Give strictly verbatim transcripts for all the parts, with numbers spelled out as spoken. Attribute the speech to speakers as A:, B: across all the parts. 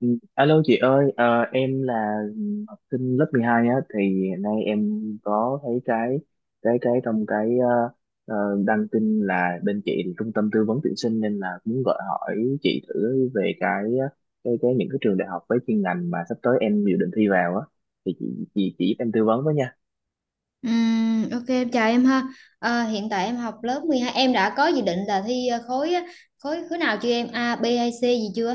A: Ừ, alo chị ơi, ờ, em là học sinh lớp mười hai á, thì hiện nay em có thấy cái cái cái trong cái ờ, ờ, đăng tin là bên chị là trung tâm tư vấn tuyển sinh, nên là muốn gọi hỏi chị thử về cái ờ, cái cái những cái trường đại học với chuyên ngành mà sắp tới em dự định thi vào á, thì chị chị chỉ giúp em tư vấn với nha.
B: Ừm, ok, em chào em ha. Ờ, hiện tại em học lớp mười hai, em đã có dự định là thi ờ, khối á, khối khối nào chưa em? A, B hay C gì chưa?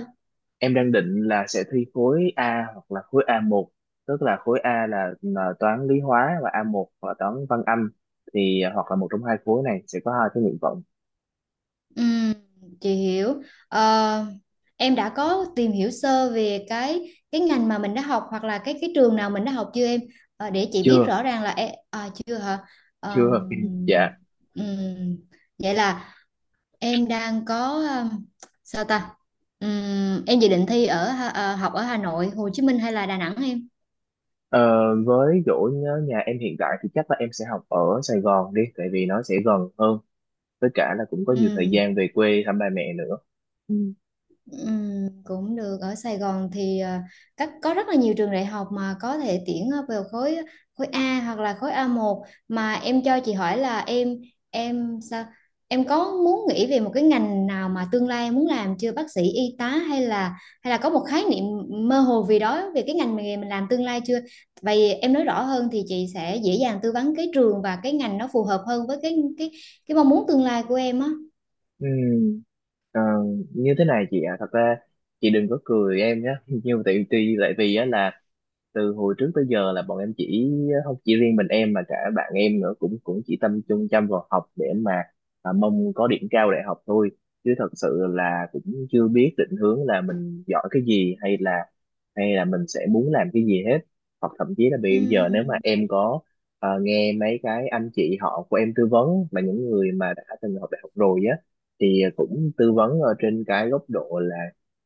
A: Em đang định là sẽ thi khối A hoặc là khối A một, tức là khối A là là toán lý hóa, và A một là toán văn anh, thì à, hoặc là một trong hai khối này sẽ có hai cái nguyện vọng.
B: Ừm, chị hiểu. Ờ, em đã có tìm hiểu sơ về cái cái ngành mà mình đã học, hoặc là cái cái trường nào mình đã học chưa em? Ờ, để chị biết
A: Chưa,
B: rõ ràng là em à, chưa hả?
A: chưa.
B: Ờ,
A: Dạ.
B: ừm, Vậy là em đang có ờ, sao ta? Ừm, em dự định thi ở Hà- ờ, học ở Hà Nội, Hồ Chí Minh hay là Đà Nẵng em?
A: Ờ, với chỗ nhớ nhà em hiện tại thì chắc là em sẽ học ở Sài Gòn đi, tại vì nó sẽ gần hơn, với cả là cũng có nhiều thời
B: Ừ,
A: gian về quê thăm ba mẹ nữa.
B: ừ, Cũng được, ở Sài Gòn thì à, các có rất là nhiều trường đại học mà có thể tuyển ờ, vào khối khối A hoặc là khối a một. Mà em cho chị hỏi là em em sao em có muốn nghĩ về một cái ngành nào mà tương lai em muốn làm chưa? Bác sĩ, y tá, hay là hay là có một khái niệm mơ hồ vì đó về cái ngành nghề mình làm tương lai chưa? Vậy em nói rõ hơn thì chị sẽ dễ dàng tư vấn cái trường và cái ngành nó phù hợp hơn với cái cái cái mong muốn tương lai của em á.
A: Ừ, ờ, như thế này chị ạ. Thật ra chị đừng có cười em nhé. Nhưng mà tại vì tại vì á là từ hồi trước tới giờ là bọn em chỉ, không chỉ riêng mình em mà cả bạn em nữa, cũng cũng chỉ tâm trung chăm vào học để mà à, mong có điểm cao đại học thôi, chứ thật sự là cũng chưa biết định hướng là mình giỏi cái gì, hay là hay là mình sẽ muốn làm cái gì hết. Hoặc thậm chí là
B: Ừ.
A: bây giờ nếu mà em có à, nghe mấy cái anh chị họ của em tư vấn, mà những người mà đã từng học đại học rồi á, thì cũng tư vấn ở trên cái góc độ là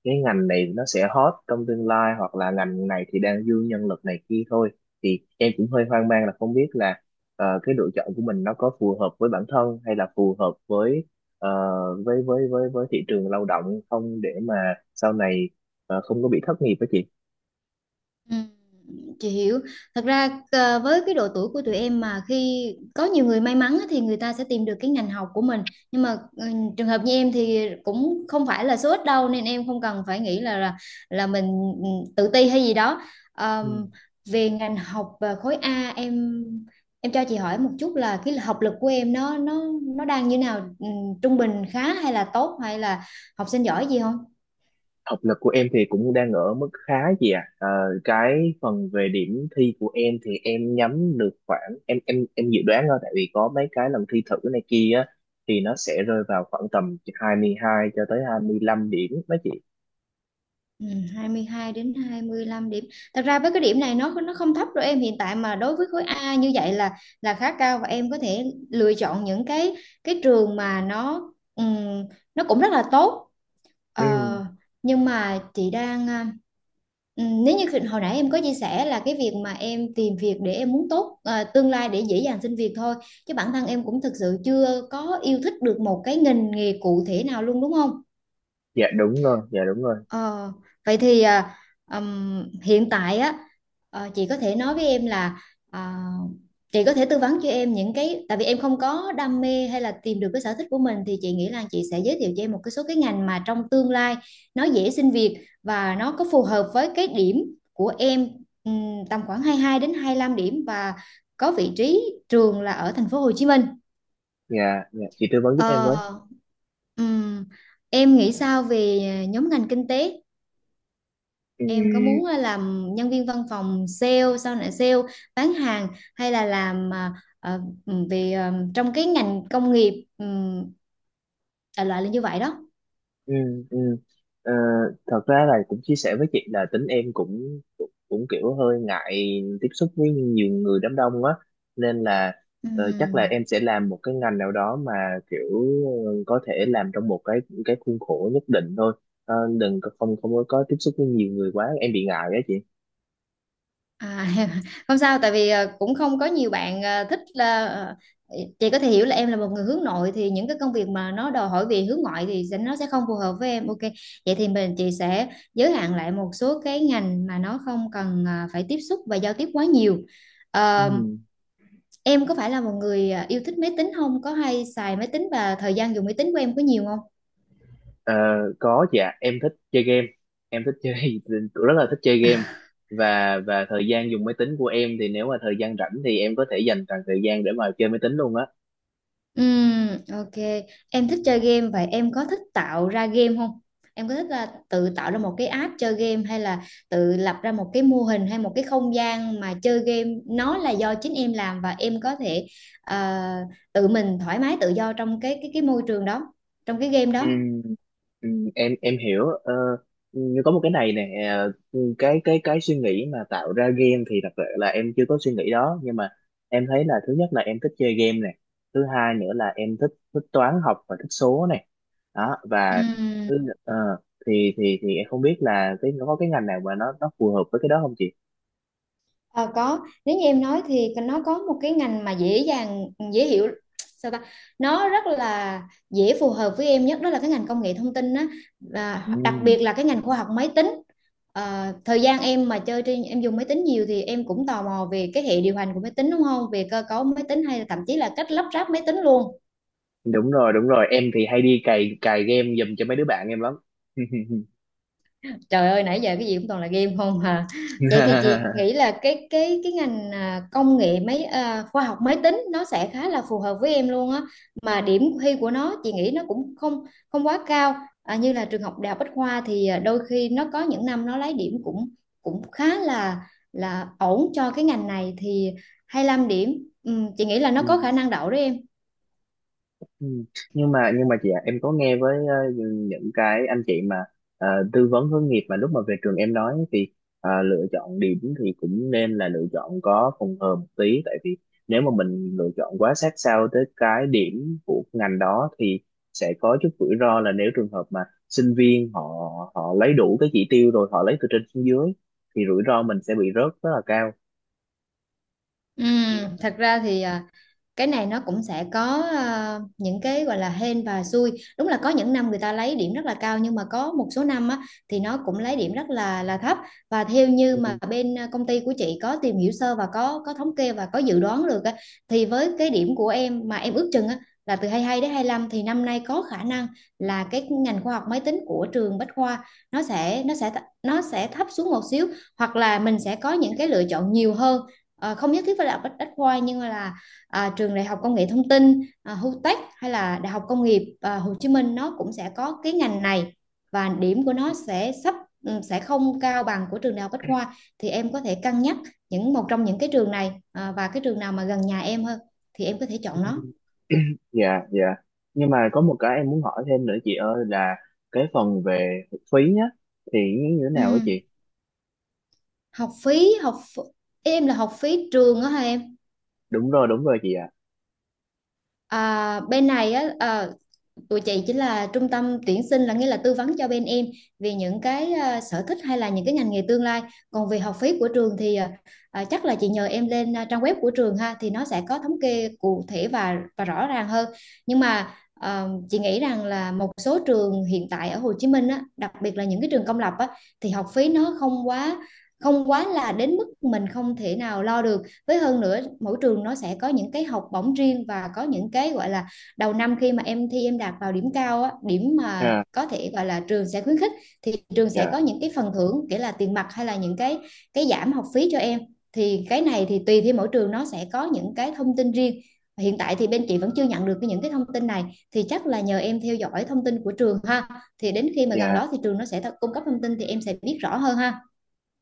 A: cái ngành này nó sẽ hot trong tương lai, hoặc là ngành này thì đang dư nhân lực này kia thôi, thì em cũng hơi hoang mang là không biết là ờ, cái lựa chọn của mình nó có phù hợp với bản thân, hay là phù hợp với ờ, với với với với thị trường lao động không, để mà sau này ờ, không có bị thất nghiệp đó chị.
B: Ừ, chị hiểu. Thật ra ờ, với cái độ tuổi của tụi em mà khi có nhiều người may mắn á, thì người ta sẽ tìm được cái ngành học của mình, nhưng mà ừ, trường hợp như em thì cũng không phải là số ít đâu, nên em không cần phải nghĩ là là, là mình ừ, tự ti hay gì đó.
A: Ừ.
B: Ờm, Về ngành học và khối A, em em cho chị hỏi một chút là cái học lực của em nó nó nó đang như nào? Ừ, trung bình khá, hay là tốt, hay là học sinh giỏi gì?
A: Học lực của em thì cũng đang ở mức khá chị ạ. Ờ, cái phần về điểm thi của em thì em nhắm được khoảng, em em em dự đoán thôi, tại vì có mấy cái lần thi thử này kia á thì nó sẽ rơi vào khoảng tầm hai mươi hai cho tới hai mươi lăm điểm đó chị.
B: Ừ, hai mươi hai đến hai mươi lăm điểm. Thật ra với cái điểm này nó nó không thấp đâu em, hiện tại mà đối với khối A như vậy là là khá cao, và em có thể lựa chọn những cái cái trường mà nó ừm, nó cũng rất là tốt.
A: Ừ,
B: Ờ, nhưng mà chị đang à, ừm, nếu như khi- hồi nãy em có chia sẻ là cái việc mà em tìm việc để em muốn tốt à, tương lai để dễ dàng xin việc thôi, chứ bản thân em cũng thực sự chưa có yêu thích được một cái ngành nghề cụ thể nào luôn đúng không?
A: dạ đúng rồi, dạ đúng rồi.
B: Ờ, Vậy thì à, ừm, hiện tại á, ờ, chị có thể nói với em là à, chị có thể tư vấn cho em những cái, tại vì em không có đam mê hay là tìm được cái sở thích của mình, thì chị nghĩ là chị sẽ giới thiệu cho em một cái số cái ngành mà trong tương lai nó dễ xin việc và nó có phù hợp với cái điểm của em, ừm, tầm khoảng hai mươi hai đến hai mươi lăm điểm, và có vị trí trường là ở thành phố Hồ Chí Minh.
A: Dạ, dạ chị tư vấn giúp em với.
B: Ờ, ừm, em nghĩ sao về nhóm ngành kinh tế?
A: Ừ,
B: Em có muốn ờ, làm nhân viên văn phòng, sale, sau này sale, bán hàng, hay là làm ờ, ờ, về ờ, trong cái ngành công nghiệp, um, đại loại là như vậy đó.
A: ừ, ừ. Ờ, Thật ra là cũng chia sẻ với chị là tính em cũng cũng, cũng kiểu hơi ngại tiếp xúc với nhiều người, đám đông á, nên là ờ, chắc là
B: Ừm.
A: em sẽ làm một cái ngành nào đó mà kiểu ờ, có thể làm trong một cái cái khuôn khổ nhất định thôi. Ờ, đừng có- không không có có tiếp xúc với nhiều người quá em bị ngại á chị.
B: À, không sao, tại vì ờ, cũng không có nhiều bạn ờ, thích là ờ, chị có thể hiểu là em là một người hướng nội, thì những cái công việc mà nó đòi hỏi về hướng ngoại thì sẽ- nó sẽ không phù hợp với em. Ok. Vậy thì mình chị sẽ giới hạn lại một số cái ngành mà nó không cần ờ, phải tiếp xúc và giao tiếp quá nhiều. Ờ,
A: Ừ.
B: Em có phải là một người à, yêu thích máy tính không? Có hay xài máy tính, và thời gian dùng máy tính của em có nhiều không?
A: Ờ, có, dạ em thích chơi game, em thích chơi rất là thích chơi game. Và và thời gian dùng máy tính của em thì nếu mà thời gian rảnh thì em có thể dành toàn thời gian để mà chơi máy tính luôn á.
B: Ừm, ok. Em thích chơi game, vậy em có thích tạo ra game không? Em có thích là tự tạo ra một cái app chơi game, hay là tự lập ra một cái mô hình, hay một cái không gian mà chơi game nó là do chính em làm, và em có thể à, tự mình thoải mái tự do trong cái cái cái môi trường đó, trong cái game
A: Ừ, ừ, em em hiểu, ờ, nhưng có một cái này nè. Ừ, cái cái cái suy nghĩ mà tạo ra game thì thật sự là em chưa có suy nghĩ đó, nhưng mà em thấy là thứ nhất là em thích chơi game này, thứ hai nữa là em thích thích toán học và thích số này đó,
B: đó.
A: và thứ, ờ, thì thì thì em không biết là cái nó có cái ngành nào mà nó nó phù hợp với cái đó không chị.
B: Ờ, có, nếu như em nói thì nó có một cái ngành mà dễ dàng, dễ hiểu, sao ta nó rất là dễ phù hợp với em nhất, đó là cái ngành công nghệ thông tin á, và đặc
A: Ừ,
B: biệt là cái ngành khoa học máy tính. Ờ, thời gian em mà chơi trên em dùng máy tính nhiều thì em cũng tò mò về cái hệ điều hành của máy tính đúng không, về cơ cấu máy tính hay là thậm chí là cách lắp ráp máy tính luôn.
A: đúng rồi đúng rồi, em thì hay đi cày cày game giùm cho mấy đứa bạn em lắm.
B: Trời ơi, nãy giờ cái gì cũng toàn là game không hà. Vậy thì chị nghĩ là cái cái cái ngành à, công nghệ máy à, khoa học máy tính nó sẽ khá là phù hợp với em luôn á. Mà điểm thi của nó chị nghĩ nó cũng không không quá cao. À, như là trường học Đại học Bách Khoa thì à, đôi khi nó có những năm nó lấy điểm cũng cũng khá là là ổn cho cái ngành này, thì hai lăm điểm. Ừm, chị nghĩ là nó
A: Ừ.
B: có khả năng đậu đấy em.
A: Ừ. Nhưng mà nhưng mà chị ạ, em có nghe với ờ, những cái anh chị mà ờ, tư vấn hướng nghiệp, mà lúc mà về trường em nói thì ờ, lựa chọn điểm thì cũng nên là lựa chọn có phòng hờ một tí, tại vì nếu mà mình lựa chọn quá sát sao tới cái điểm của ngành đó thì sẽ có chút rủi ro là, nếu trường hợp mà sinh viên họ họ lấy đủ cái chỉ tiêu rồi họ lấy từ trên xuống dưới, thì rủi ro mình sẽ bị rớt rất là cao.
B: Ừm, thật ra thì cái này nó cũng sẽ có ờ, những cái gọi là hên và xui. Đúng là có những năm người ta lấy điểm rất là cao, nhưng mà có một số năm á, thì nó cũng lấy điểm rất là là thấp. Và theo như mà
A: Ừ.
B: bên ờ, công ty của chị có tìm hiểu sơ và có có thống kê và có dự đoán được á, thì với cái điểm của em mà em ước chừng á, là từ hai mươi hai đến hai mươi lăm, thì năm nay có khả năng là cái ngành khoa học máy tính của trường Bách Khoa nó sẽ nó sẽ nó sẽ thấp xuống một xíu, hoặc là mình sẽ có những cái lựa chọn nhiều hơn. Ờ, không nhất thiết phải là Bách Bách Khoa, nhưng mà là à, trường đại học công nghệ thông tin, à, HUTECH, hay là đại học công nghiệp, à, Hồ Chí Minh nó cũng sẽ có cái ngành này, và điểm của nó sẽ sắp ừ, sẽ không cao bằng của trường đại học Bách Khoa. Thì em có thể cân nhắc những một trong những cái trường này, à, và cái trường nào mà gần nhà em hơn thì em có thể chọn nó.
A: Dạ, dạ, nhưng mà có một cái em muốn hỏi thêm nữa chị ơi, là cái phần về phí nhá, thì như thế
B: Ừ.
A: nào á chị?
B: Học phí, học ph- em là học phí trường đó hả em?
A: Đúng rồi, đúng rồi chị ạ.
B: À, bên này á, à, tụi chị chính là trung tâm tuyển sinh, là nghĩa là tư vấn cho bên em về những cái à, sở thích hay là những cái ngành nghề tương lai. Còn về học phí của trường thì à, à, chắc là chị nhờ em lên à, trang web của trường ha, thì nó sẽ có thống kê cụ thể và và rõ ràng hơn. Nhưng mà à, chị nghĩ rằng là một số trường hiện tại ở Hồ Chí Minh á, đặc biệt là những cái trường công lập á, thì học phí nó không quá không quá là đến mức mình không thể nào lo được. Với hơn nữa, mỗi trường nó sẽ có những cái học bổng riêng, và có những cái gọi là đầu năm, khi mà em thi em đạt vào điểm cao á, điểm mà
A: À.
B: có thể gọi là trường sẽ khuyến khích, thì trường sẽ
A: Dạ,
B: có những cái phần thưởng, kể là tiền mặt hay là những cái cái giảm học phí cho em. Thì cái này thì tùy theo mỗi trường nó sẽ có những cái thông tin riêng. Hiện tại thì bên chị vẫn chưa nhận được những cái thông tin này, thì chắc là nhờ em theo dõi thông tin của trường ha, thì đến khi mà gần
A: dạ,
B: đó thì trường nó sẽ cung cấp thông tin, thì em sẽ biết rõ hơn ha.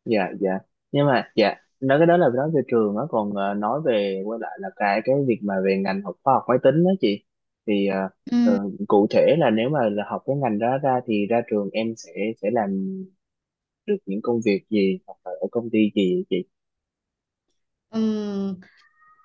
A: dạ, dạ, nhưng mà dạ, nói cái đó là nói về trường á, còn ờ, nói về quay lại là cái cái việc mà về ngành học khoa học máy tính đó chị, thì ờ, ờ,
B: Ừm,
A: cụ thể là nếu mà là học cái ngành đó ra thì ra trường em sẽ sẽ làm được những công việc gì hoặc là ở công ty gì vậy chị?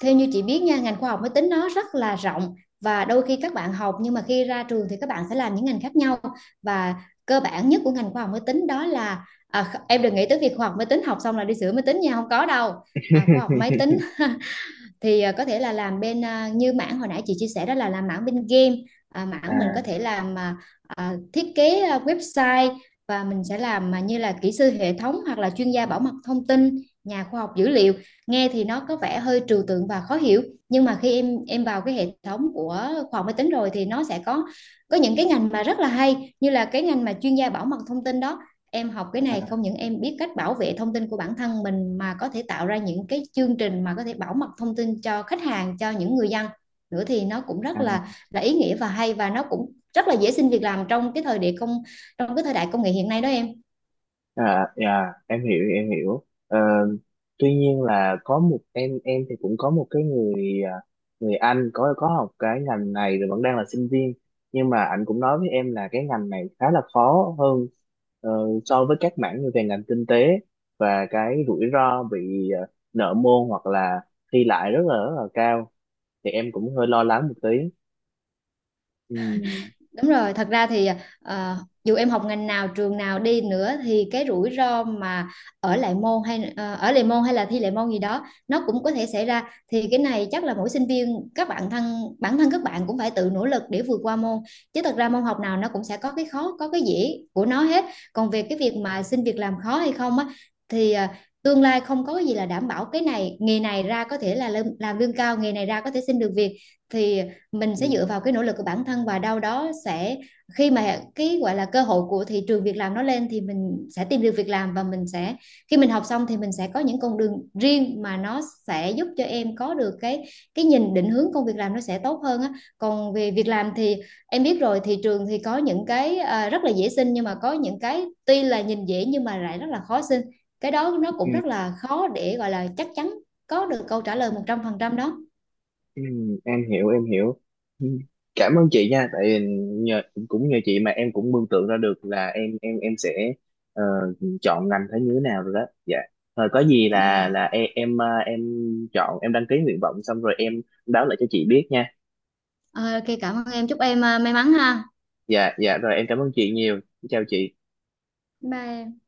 B: theo như chị biết nha, ngành khoa học máy tính nó rất là rộng, và đôi khi các bạn học nhưng mà khi ra trường thì các bạn sẽ làm những ngành khác nhau. Và cơ bản nhất của ngành khoa học máy tính đó là à, em đừng nghĩ tới việc khoa học máy tính học xong là đi sửa máy tính nha, không có đâu. À, khoa học máy tính thì à, có thể là làm bên, à, như mảng hồi nãy chị chia sẻ đó là làm mảng bên game, à, mảng mình
A: À.
B: có thể làm à, à, thiết kế à, website, và mình sẽ làm à, như là kỹ sư hệ thống, hoặc là chuyên gia bảo mật thông tin, nhà khoa học dữ liệu. Nghe thì nó có vẻ hơi trừu tượng và khó hiểu, nhưng mà khi em em vào cái hệ thống của khoa học máy tính rồi thì nó sẽ có có những cái ngành mà rất là hay, như là cái ngành mà chuyên gia bảo mật thông tin đó. Em học cái này không những em biết cách bảo vệ thông tin của bản thân mình, mà có thể tạo ra những cái chương trình mà có thể bảo mật thông tin cho khách hàng, cho những người dân nữa, thì nó cũng rất là là ý nghĩa và hay, và nó cũng rất là dễ xin việc làm trong cái thời đại công trong cái thời đại công nghệ hiện nay đó em.
A: À, dạ, em hiểu em hiểu. Ờ, Tuy nhiên là có một em em thì cũng có một cái người, à, người anh có có học cái ngành này rồi vẫn đang là sinh viên, nhưng mà anh cũng nói với em là cái ngành này khá là khó hơn ờ, so với các mảng như về ngành kinh tế, và cái rủi ro bị ờ, nợ môn hoặc là thi lại rất là rất là cao, thì em cũng hơi lo lắng một tí. Ừ.
B: Đúng rồi, thật ra thì ờ, dù em học ngành nào, trường nào đi nữa thì cái rủi ro mà ở lại môn, hay ờ, ở lại môn hay là thi lại môn gì đó, nó cũng có thể xảy ra. Thì cái này chắc là mỗi sinh viên, các bạn thân bản thân các bạn cũng phải tự nỗ lực để vượt qua môn. Chứ thật ra môn học nào nó cũng sẽ có cái khó, có cái dễ của nó hết. Còn về cái việc mà xin việc làm khó hay không á, thì ờ, tương lai không có gì là đảm bảo cái này. Nghề này ra có thể là lương- làm lương cao, nghề này ra có thể xin được việc, thì mình sẽ
A: Ừ.
B: dựa vào cái nỗ lực của bản thân, và đâu đó sẽ khi mà cái gọi là cơ hội của thị trường việc làm nó lên, thì mình sẽ tìm được việc làm, và mình sẽ khi mình học xong thì mình sẽ có những con đường riêng mà nó sẽ giúp cho em có được cái cái nhìn định hướng công việc làm nó sẽ tốt hơn á. Còn về việc làm thì em biết rồi, thị trường thì có những cái à, rất là dễ xin, nhưng mà có những cái tuy là nhìn dễ nhưng mà lại rất là khó xin. Cái đó nó cũng rất là khó để gọi là chắc chắn có được câu trả lời
A: ừ.
B: một trăm phần trăm đó.
A: Ừ, em hiểu em hiểu. Ừ, cảm ơn chị nha, tại vì nhờ, cũng nhờ chị mà em cũng mường tượng ra được là em em em sẽ ờ, chọn ngành thế như thế nào rồi đó. Dạ. Rồi có gì là
B: à.
A: là em em ờ, em chọn, em đăng ký nguyện vọng xong rồi em báo lại cho chị biết nha.
B: Ờ, ok, cảm ơn em, chúc em à, may mắn ha.
A: Dạ, dạ, rồi em cảm ơn chị nhiều. Chào chị.
B: Bye em.